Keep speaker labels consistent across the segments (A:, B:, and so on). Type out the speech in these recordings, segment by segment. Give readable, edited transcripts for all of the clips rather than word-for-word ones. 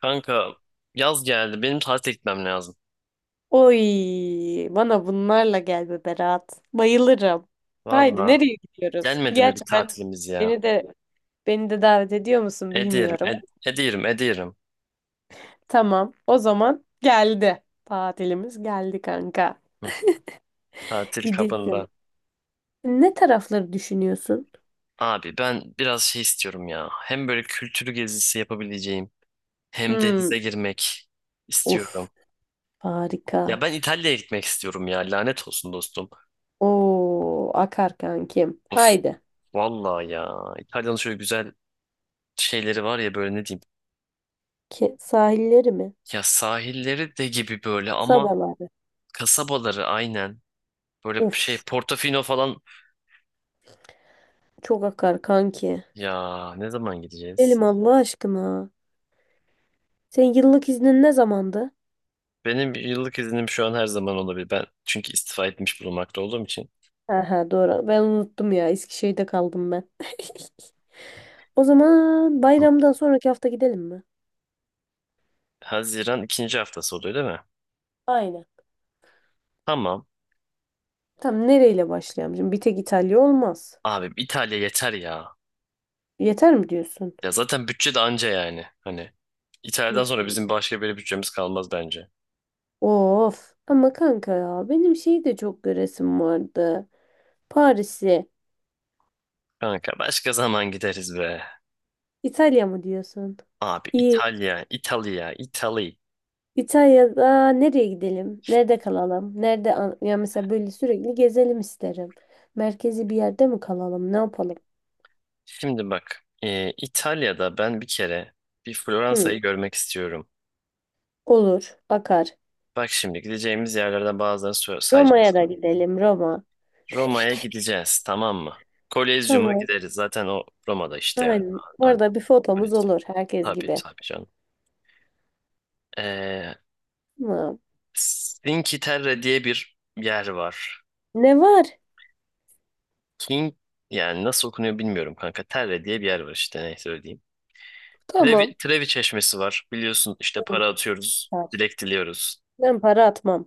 A: Kanka yaz geldi. Benim tatile gitmem lazım.
B: Oy, bana bunlarla gel be Berat. Bayılırım. Haydi
A: Valla.
B: nereye gidiyoruz?
A: Gelmedi mi bir
B: Gerçekten
A: tatilimiz ya?
B: beni de beni de davet ediyor musun
A: Ediyorum,
B: bilmiyorum.
A: ediyorum, ediyorum.
B: Tamam, o zaman geldi. Tatilimiz geldi kanka.
A: Hı, tatil kabında.
B: Gidilsin. Ne tarafları düşünüyorsun?
A: Abi ben biraz şey istiyorum ya. Hem böyle kültürü gezisi yapabileceğim hem
B: Hmm,
A: denize girmek
B: uf,
A: istiyorum.
B: harika.
A: Ya ben İtalya'ya gitmek istiyorum ya. Lanet olsun dostum.
B: Oo, akar kankim.
A: Of
B: Haydi.
A: valla ya. İtalya'nın şöyle güzel şeyleri var ya böyle ne diyeyim.
B: Ki, sahilleri mi?
A: Ya sahilleri de gibi böyle ama
B: Kasabaları.
A: kasabaları aynen. Böyle şey
B: Uf,
A: Portofino falan.
B: çok akar kanki.
A: Ya ne zaman gideceğiz?
B: Elim Allah aşkına. Senin yıllık iznin ne zamandı?
A: Benim yıllık iznim şu an her zaman olabilir. Ben çünkü istifa etmiş bulunmakta olduğum için.
B: Ha ha doğru. Ben unuttum ya. Eskişehir'de kaldım ben. O zaman
A: Hı.
B: bayramdan sonraki hafta gidelim mi?
A: Haziran ikinci haftası oluyor değil mi?
B: Aynen.
A: Tamam.
B: Tam nereyle başlayalım? Şimdi bir tek İtalya olmaz.
A: Abi İtalya yeter ya.
B: Yeter mi diyorsun?
A: Ya zaten bütçe de anca yani. Hani İtalya'dan sonra bizim
B: Hmm.
A: başka bir bütçemiz kalmaz bence.
B: Of. Ama kanka ya benim şeyi de çok göresim vardı. Paris'i.
A: Kanka başka zaman gideriz be.
B: İtalya mı diyorsun?
A: Abi
B: İyi.
A: İtalya, İtalya, İtalya.
B: İtalya'da nereye gidelim? Nerede kalalım? Ya mesela böyle sürekli gezelim isterim. Merkezi bir yerde mi kalalım? Ne yapalım?
A: Şimdi bak. İtalya'da ben bir kere bir
B: Hı,
A: Floransa'yı görmek istiyorum.
B: olur, akar.
A: Bak şimdi gideceğimiz yerlerden bazılarını sayacağım
B: Roma'ya da
A: sana.
B: gidelim, Roma.
A: Roma'ya gideceğiz, tamam mı? Kolezyum'a
B: Tamam.
A: gideriz. Zaten o Roma'da işte yani.
B: Aynen.
A: An-
B: Orada bir fotomuz
A: Kolezyum.
B: olur herkes
A: Tabii
B: gibi.
A: tabii canım. Ee,
B: Tamam.
A: Cinque Terre diye bir yer var.
B: Ne var?
A: King yani nasıl okunuyor bilmiyorum kanka. Terre diye bir yer var işte neyse öyle diyeyim. Trevi,
B: Tamam.
A: Trevi Çeşmesi var. Biliyorsun işte para atıyoruz.
B: Var.
A: Dilek diliyoruz.
B: Ben para atmam.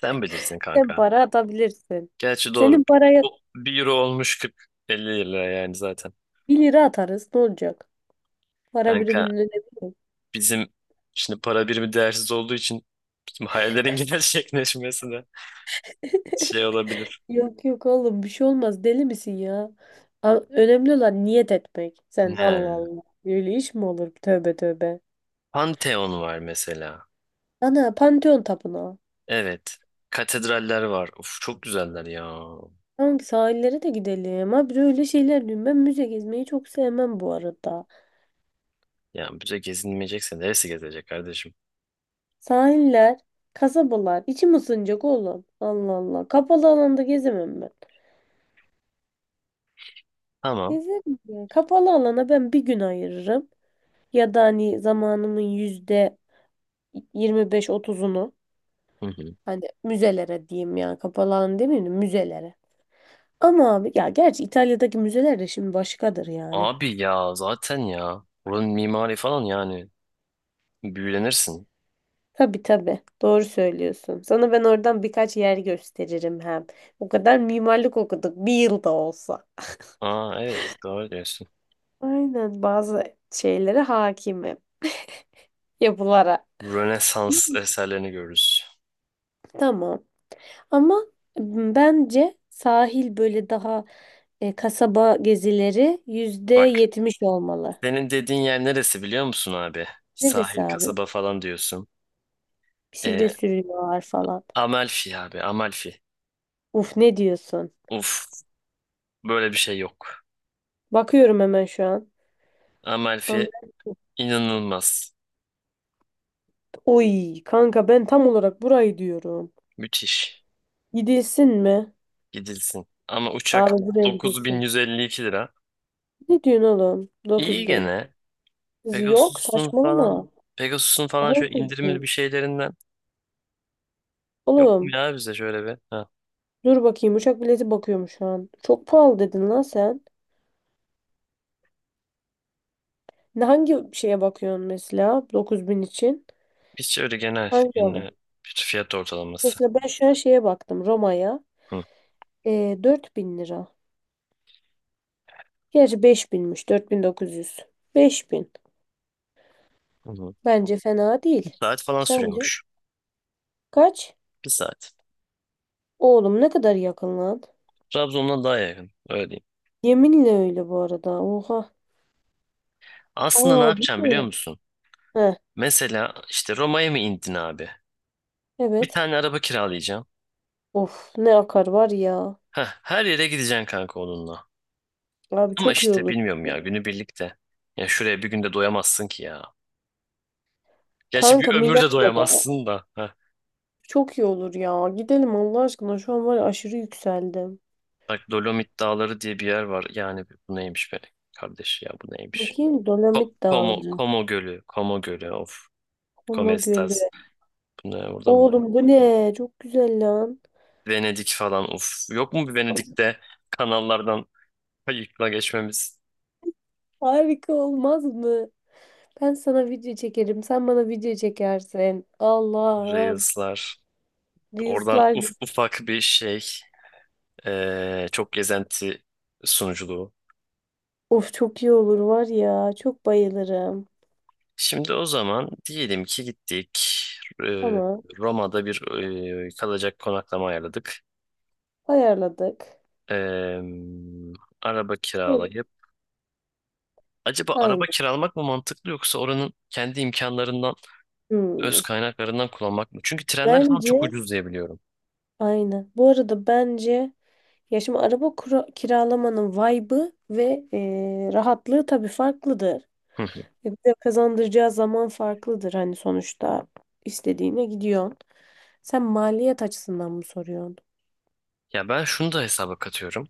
A: Sen bilirsin
B: Sen
A: kanka.
B: para atabilirsin.
A: Gerçi doğru.
B: Senin paraya
A: Bu bir euro olmuş kırk 50 lira yani zaten.
B: bir lira atarız. Ne olacak? Para
A: Kanka
B: biriminin önemi yok.
A: bizim şimdi para birimi değersiz olduğu için bizim hayallerin gerçekleşmesine şey olabilir.
B: Yok yok oğlum bir şey olmaz deli misin ya? Önemli olan niyet etmek.
A: He.
B: Sen Allah Allah. Öyle iş mi olur? Tövbe tövbe.
A: Pantheon var mesela.
B: Ana Pantheon Tapınağı.
A: Evet. Katedraller var. Uf, çok güzeller ya.
B: Hangi sahillere de gidelim. Abi öyle şeyler diyorum. Ben müze gezmeyi çok sevmem bu arada.
A: Ya bize gezinmeyecekse neresi gezecek kardeşim?
B: Sahiller, kasabalar. İçim ısınacak oğlum. Allah Allah. Kapalı alanda gezemem ben.
A: Tamam.
B: Gezerim ya. Kapalı alana ben bir gün ayırırım. Ya da hani zamanımın yüzde yirmi beş otuzunu.
A: Hı hı.
B: Hani müzelere diyeyim yani kapalı alan demeyelim müzelere. Ama abi ya gerçi İtalya'daki müzeler de şimdi başkadır yani.
A: Abi ya zaten ya. Buranın mimari falan yani. Büyülenirsin.
B: Tabii tabii doğru söylüyorsun. Sana ben oradan birkaç yer gösteririm hem. O kadar mimarlık okuduk bir yılda olsa.
A: Aa, evet, doğru diyorsun.
B: Aynen bazı şeylere hakimim yapılara.
A: Rönesans eserlerini görürüz.
B: Tamam ama bence sahil böyle daha kasaba gezileri yüzde
A: Bak,
B: yetmiş olmalı.
A: senin dediğin yer neresi biliyor musun abi?
B: Neresi
A: Sahil
B: abi?
A: kasaba falan diyorsun. Ee,
B: Bisiklet sürüyorlar falan.
A: Amalfi abi, Amalfi.
B: Uf ne diyorsun?
A: Uf, böyle bir şey yok.
B: Bakıyorum hemen şu an.
A: Amalfi
B: Ama-
A: inanılmaz.
B: Oy kanka ben tam olarak burayı diyorum.
A: Müthiş.
B: Gidilsin mi?
A: Gidilsin. Ama uçak
B: Abi buraya gidilsin.
A: 9152 lira.
B: Ne diyorsun oğlum?
A: İyi
B: 9.000.
A: gene.
B: Kız yok
A: Pegasus'un falan
B: saçmalama.
A: Pegasus'un falan
B: Daha
A: şöyle
B: ucuz
A: indirimli bir
B: bu.
A: şeylerinden yok mu
B: Oğlum
A: ya bize şöyle bir? Ha.
B: dur bakayım uçak bileti bakıyorum şu an. Çok pahalı dedin lan sen. Ne hangi şeye bakıyorsun mesela 9000 için?
A: Hiç öyle genel,
B: Hangi
A: genel
B: hava?
A: bir fiyat ortalaması.
B: Mesela ben şu an şeye baktım Roma'ya.
A: Hı.
B: Ee, 1.000 lira. Gerçi beş binmiş 4.900. 5.000.
A: Hı hı.
B: Bence fena
A: Bir
B: değil.
A: saat falan
B: Sence?
A: sürüyormuş.
B: Kaç?
A: Bir saat.
B: Oğlum ne kadar yakın lan.
A: Trabzon'dan daha yakın. Öyle diyeyim.
B: Yeminle öyle bu arada. Oha.
A: Aslında ne
B: Aa bu
A: yapacağım
B: ne?
A: biliyor musun?
B: Heh,
A: Mesela işte Roma'ya mı indin abi? Bir
B: evet.
A: tane araba kiralayacağım.
B: Of ne akar var ya.
A: Heh, her yere gideceksin kanka onunla.
B: Abi
A: Ama
B: çok iyi
A: işte
B: olur.
A: bilmiyorum ya, günü birlikte. Ya şuraya bir günde doyamazsın ki ya. Gerçi bir
B: Kanka
A: ömür de
B: Milano'da.
A: doyamazsın da. Heh.
B: Çok iyi olur ya. Gidelim Allah aşkına. Şu an var ya aşırı yükseldim.
A: Bak, Dolomit Dağları diye bir yer var. Yani bu neymiş be kardeş, ya bu neymiş?
B: Bakayım Dolomit Dağları.
A: Como Gölü. Como Gölü, of.
B: Koma Gölü.
A: Comestas. Bunlar orada mı?
B: Oğlum bu ne? Çok güzel lan.
A: Venedik falan, of. Yok mu bir Venedik'te kanallardan kayıkla geçmemiz?
B: Harika olmaz mı? Ben sana video çekerim. Sen bana video çekersin. Allah'ım.
A: Reels'lar. Oradan
B: Reels'lar
A: ufak bir şey. Çok gezenti sunuculuğu.
B: of çok iyi olur var ya. Çok bayılırım.
A: Şimdi o zaman diyelim ki gittik. Ee,
B: Ama
A: Roma'da bir kalacak konaklama ayarladık.
B: ayarladık.
A: Ee, araba
B: Hı,
A: kiralayıp. Acaba araba
B: aynen.
A: kiralamak mı mantıklı, yoksa oranın kendi imkanlarından, öz
B: Hmm.
A: kaynaklarından kullanmak mı? Çünkü trenler falan
B: Bence
A: çok ucuz diye biliyorum.
B: aynı. Bu arada bence ya şimdi araba kiralamanın vibe'ı ve rahatlığı tabii farklıdır.
A: Hı hı.
B: Bize kazandıracağı zaman farklıdır hani sonuçta istediğine gidiyorsun. Sen maliyet açısından mı soruyorsun?
A: Ya ben şunu da hesaba katıyorum.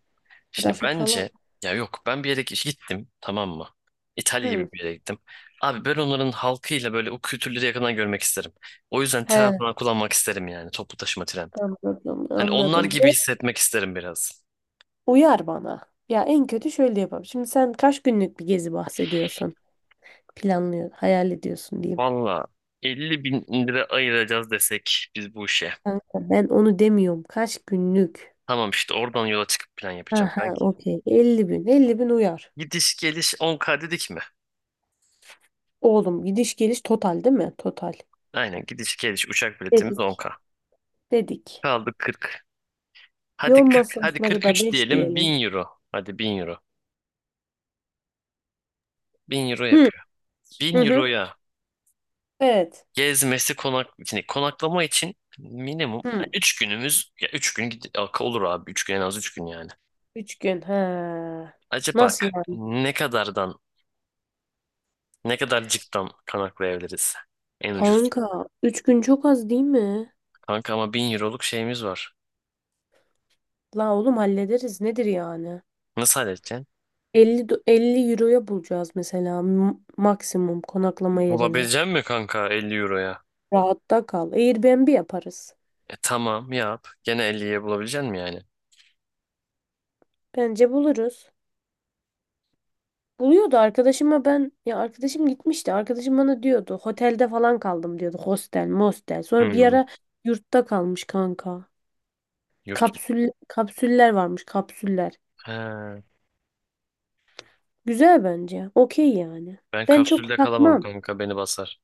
A: Şimdi
B: Trafik falan.
A: bence ya, yok, ben bir yere gittim, tamam mı? İtalya gibi
B: Hı.
A: bir yere gittim. Abi ben onların halkıyla böyle o kültürleri yakından görmek isterim. O yüzden tren
B: He,
A: falan kullanmak isterim, yani toplu taşıma, tren.
B: anladım,
A: Hani onlar
B: anladım.
A: gibi hissetmek isterim biraz.
B: Uyar bana. Ya en kötü şöyle yapalım. Şimdi sen kaç günlük bir gezi bahsediyorsun? Planlıyor, hayal ediyorsun diyeyim.
A: Valla 50 bin lira ayıracağız desek biz bu işe.
B: Kanka ben onu demiyorum. Kaç günlük?
A: Tamam işte oradan yola çıkıp plan yapacağım
B: Aha,
A: kanki.
B: okey. 50.000. 50.000 uyar.
A: Gidiş geliş 10K dedik mi?
B: Oğlum gidiş geliş total değil mi? Total.
A: Aynen, gidiş geliş uçak biletimiz
B: Dedik.
A: 10K.
B: Dedik.
A: Kaldı 40.
B: Yol
A: Hadi 40, hadi
B: masrafları da
A: 43
B: 5
A: diyelim
B: diyelim.
A: 1000 euro. Hadi 1000 euro. Bin euro
B: Hı
A: yapıyor.
B: hı.
A: Bin
B: Hı.
A: euroya
B: Evet.
A: gezmesi yani konaklama için minimum
B: Hı.
A: 3 günümüz, ya 3 gün olur abi, 3 gün, en az 3 gün yani.
B: 3 gün. Ha.
A: Acaba
B: Nasıl yani?
A: ne kadarcıktan konaklayabiliriz, en ucuz?
B: Kanka 3 gün çok az değil mi?
A: Kanka ama 1000 euroluk şeyimiz var.
B: La oğlum hallederiz. Nedir yani?
A: Nasıl halledeceksin?
B: 50 euroya bulacağız mesela maksimum konaklama yerine.
A: Bulabilecek mi kanka 50 euroya?
B: Rahatta kal. Airbnb yaparız.
A: E tamam, yap. Gene elliye bulabilecek mi yani?
B: Bence buluruz. Buluyordu arkadaşıma ben ya arkadaşım gitmişti. Arkadaşım bana diyordu otelde falan kaldım diyordu. Hostel, mostel. Sonra bir
A: Hmm.
B: ara yurtta kalmış kanka.
A: Yurt mu?
B: Kapsüller varmış, kapsüller.
A: He,
B: Güzel bence. Okey yani.
A: ben
B: Ben çok
A: kapsülde kalamam
B: takmam.
A: kanka, beni basar.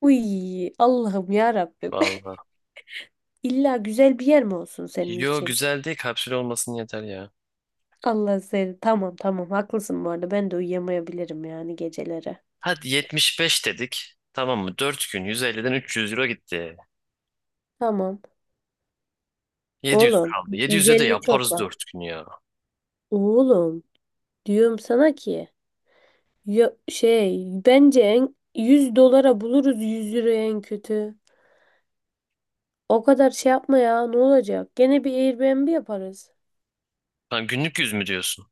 B: Uy Allah'ım ya Rabbim.
A: Vallahi.
B: İlla güzel bir yer mi olsun senin
A: Yo,
B: için?
A: güzel değil, kapsül olmasın yeter ya.
B: Allah seni. Tamam tamam haklısın bu arada. Ben de uyuyamayabilirim yani geceleri.
A: Hadi 75 dedik. Tamam mı? 4 gün 150'den 300 euro gitti.
B: Tamam.
A: 700
B: Oğlum
A: kaldı. 700'e de
B: 150 çok
A: yaparız
B: var.
A: 4 gün ya.
B: Oğlum diyorum sana ki ya, şey bence en, 100 dolara buluruz 100 liraya en kötü. O kadar şey yapma ya ne olacak? Gene bir Airbnb yaparız.
A: Lan günlük 100 mü diyorsun?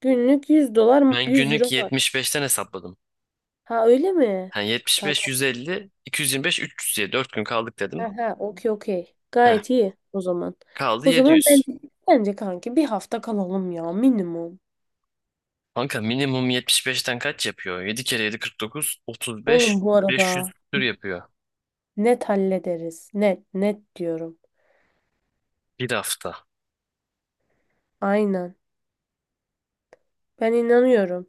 B: Günlük 100 dolar
A: Ben
B: 100
A: günlük
B: euro var.
A: 75'ten hesapladım.
B: Ha öyle mi?
A: Yani 75,
B: Tamam.
A: 150, 225, 300 diye 4 gün kaldık dedim.
B: Ha ha okey okey.
A: Heh,
B: Gayet iyi o zaman.
A: kaldı
B: O zaman
A: 700.
B: bence kanki bir hafta kalalım ya minimum.
A: Kanka minimum 75'ten kaç yapıyor? 7 kere 7 49,
B: Oğlum
A: 35,
B: bu
A: 500
B: arada
A: tür yapıyor.
B: net hallederiz. Net, net diyorum.
A: Bir hafta.
B: Aynen. Ben inanıyorum.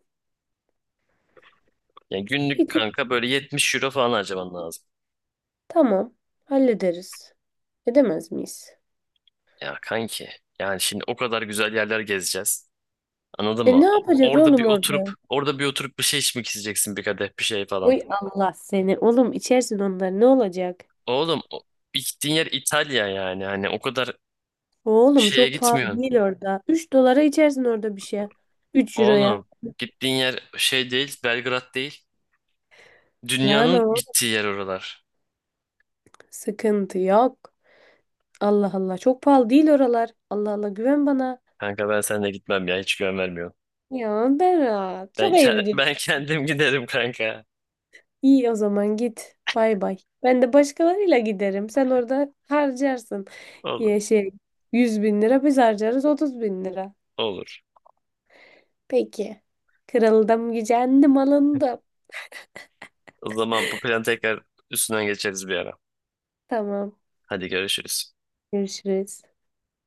A: Yani
B: Bir
A: günlük
B: tık
A: kanka böyle 70 euro falan harcaman lazım.
B: tamam hallederiz. Edemez miyiz?
A: Ya kanki. Yani şimdi o kadar güzel yerler gezeceğiz. Anladın
B: E
A: mı?
B: ne yapacağız
A: Orada bir
B: oğlum
A: oturup
B: orada?
A: bir şey içmek isteyeceksin, bir kadeh bir şey falan.
B: Uy Allah seni. Oğlum içersin onları ne olacak?
A: Oğlum gittiğin yer İtalya, yani hani o kadar
B: Oğlum
A: şeye
B: çok pahalı
A: gitmiyorsun.
B: değil orada. 3 dolara içersin orada bir şey. 3 euroya.
A: Oğlum gittiğin yer şey değil, Belgrad değil.
B: Lan
A: Dünyanın
B: o
A: gittiği yer oralar.
B: sıkıntı yok. Allah Allah çok pahalı değil oralar. Allah Allah güven bana.
A: Kanka ben seninle gitmem ya, hiç güven vermiyorum.
B: Ya Berat çok ayıp.
A: Ben kendim giderim kanka.
B: İyi o zaman git. Bay bay. Ben de başkalarıyla giderim. Sen orada harcarsın.
A: Olur.
B: Ya şey 100.000 lira biz harcarız 30.000 lira.
A: Olur.
B: Peki. Kırıldım, gücendim, alındım.
A: O zaman bu planı tekrar üstünden geçeriz bir ara.
B: Tamam.
A: Hadi görüşürüz.
B: Görüşürüz.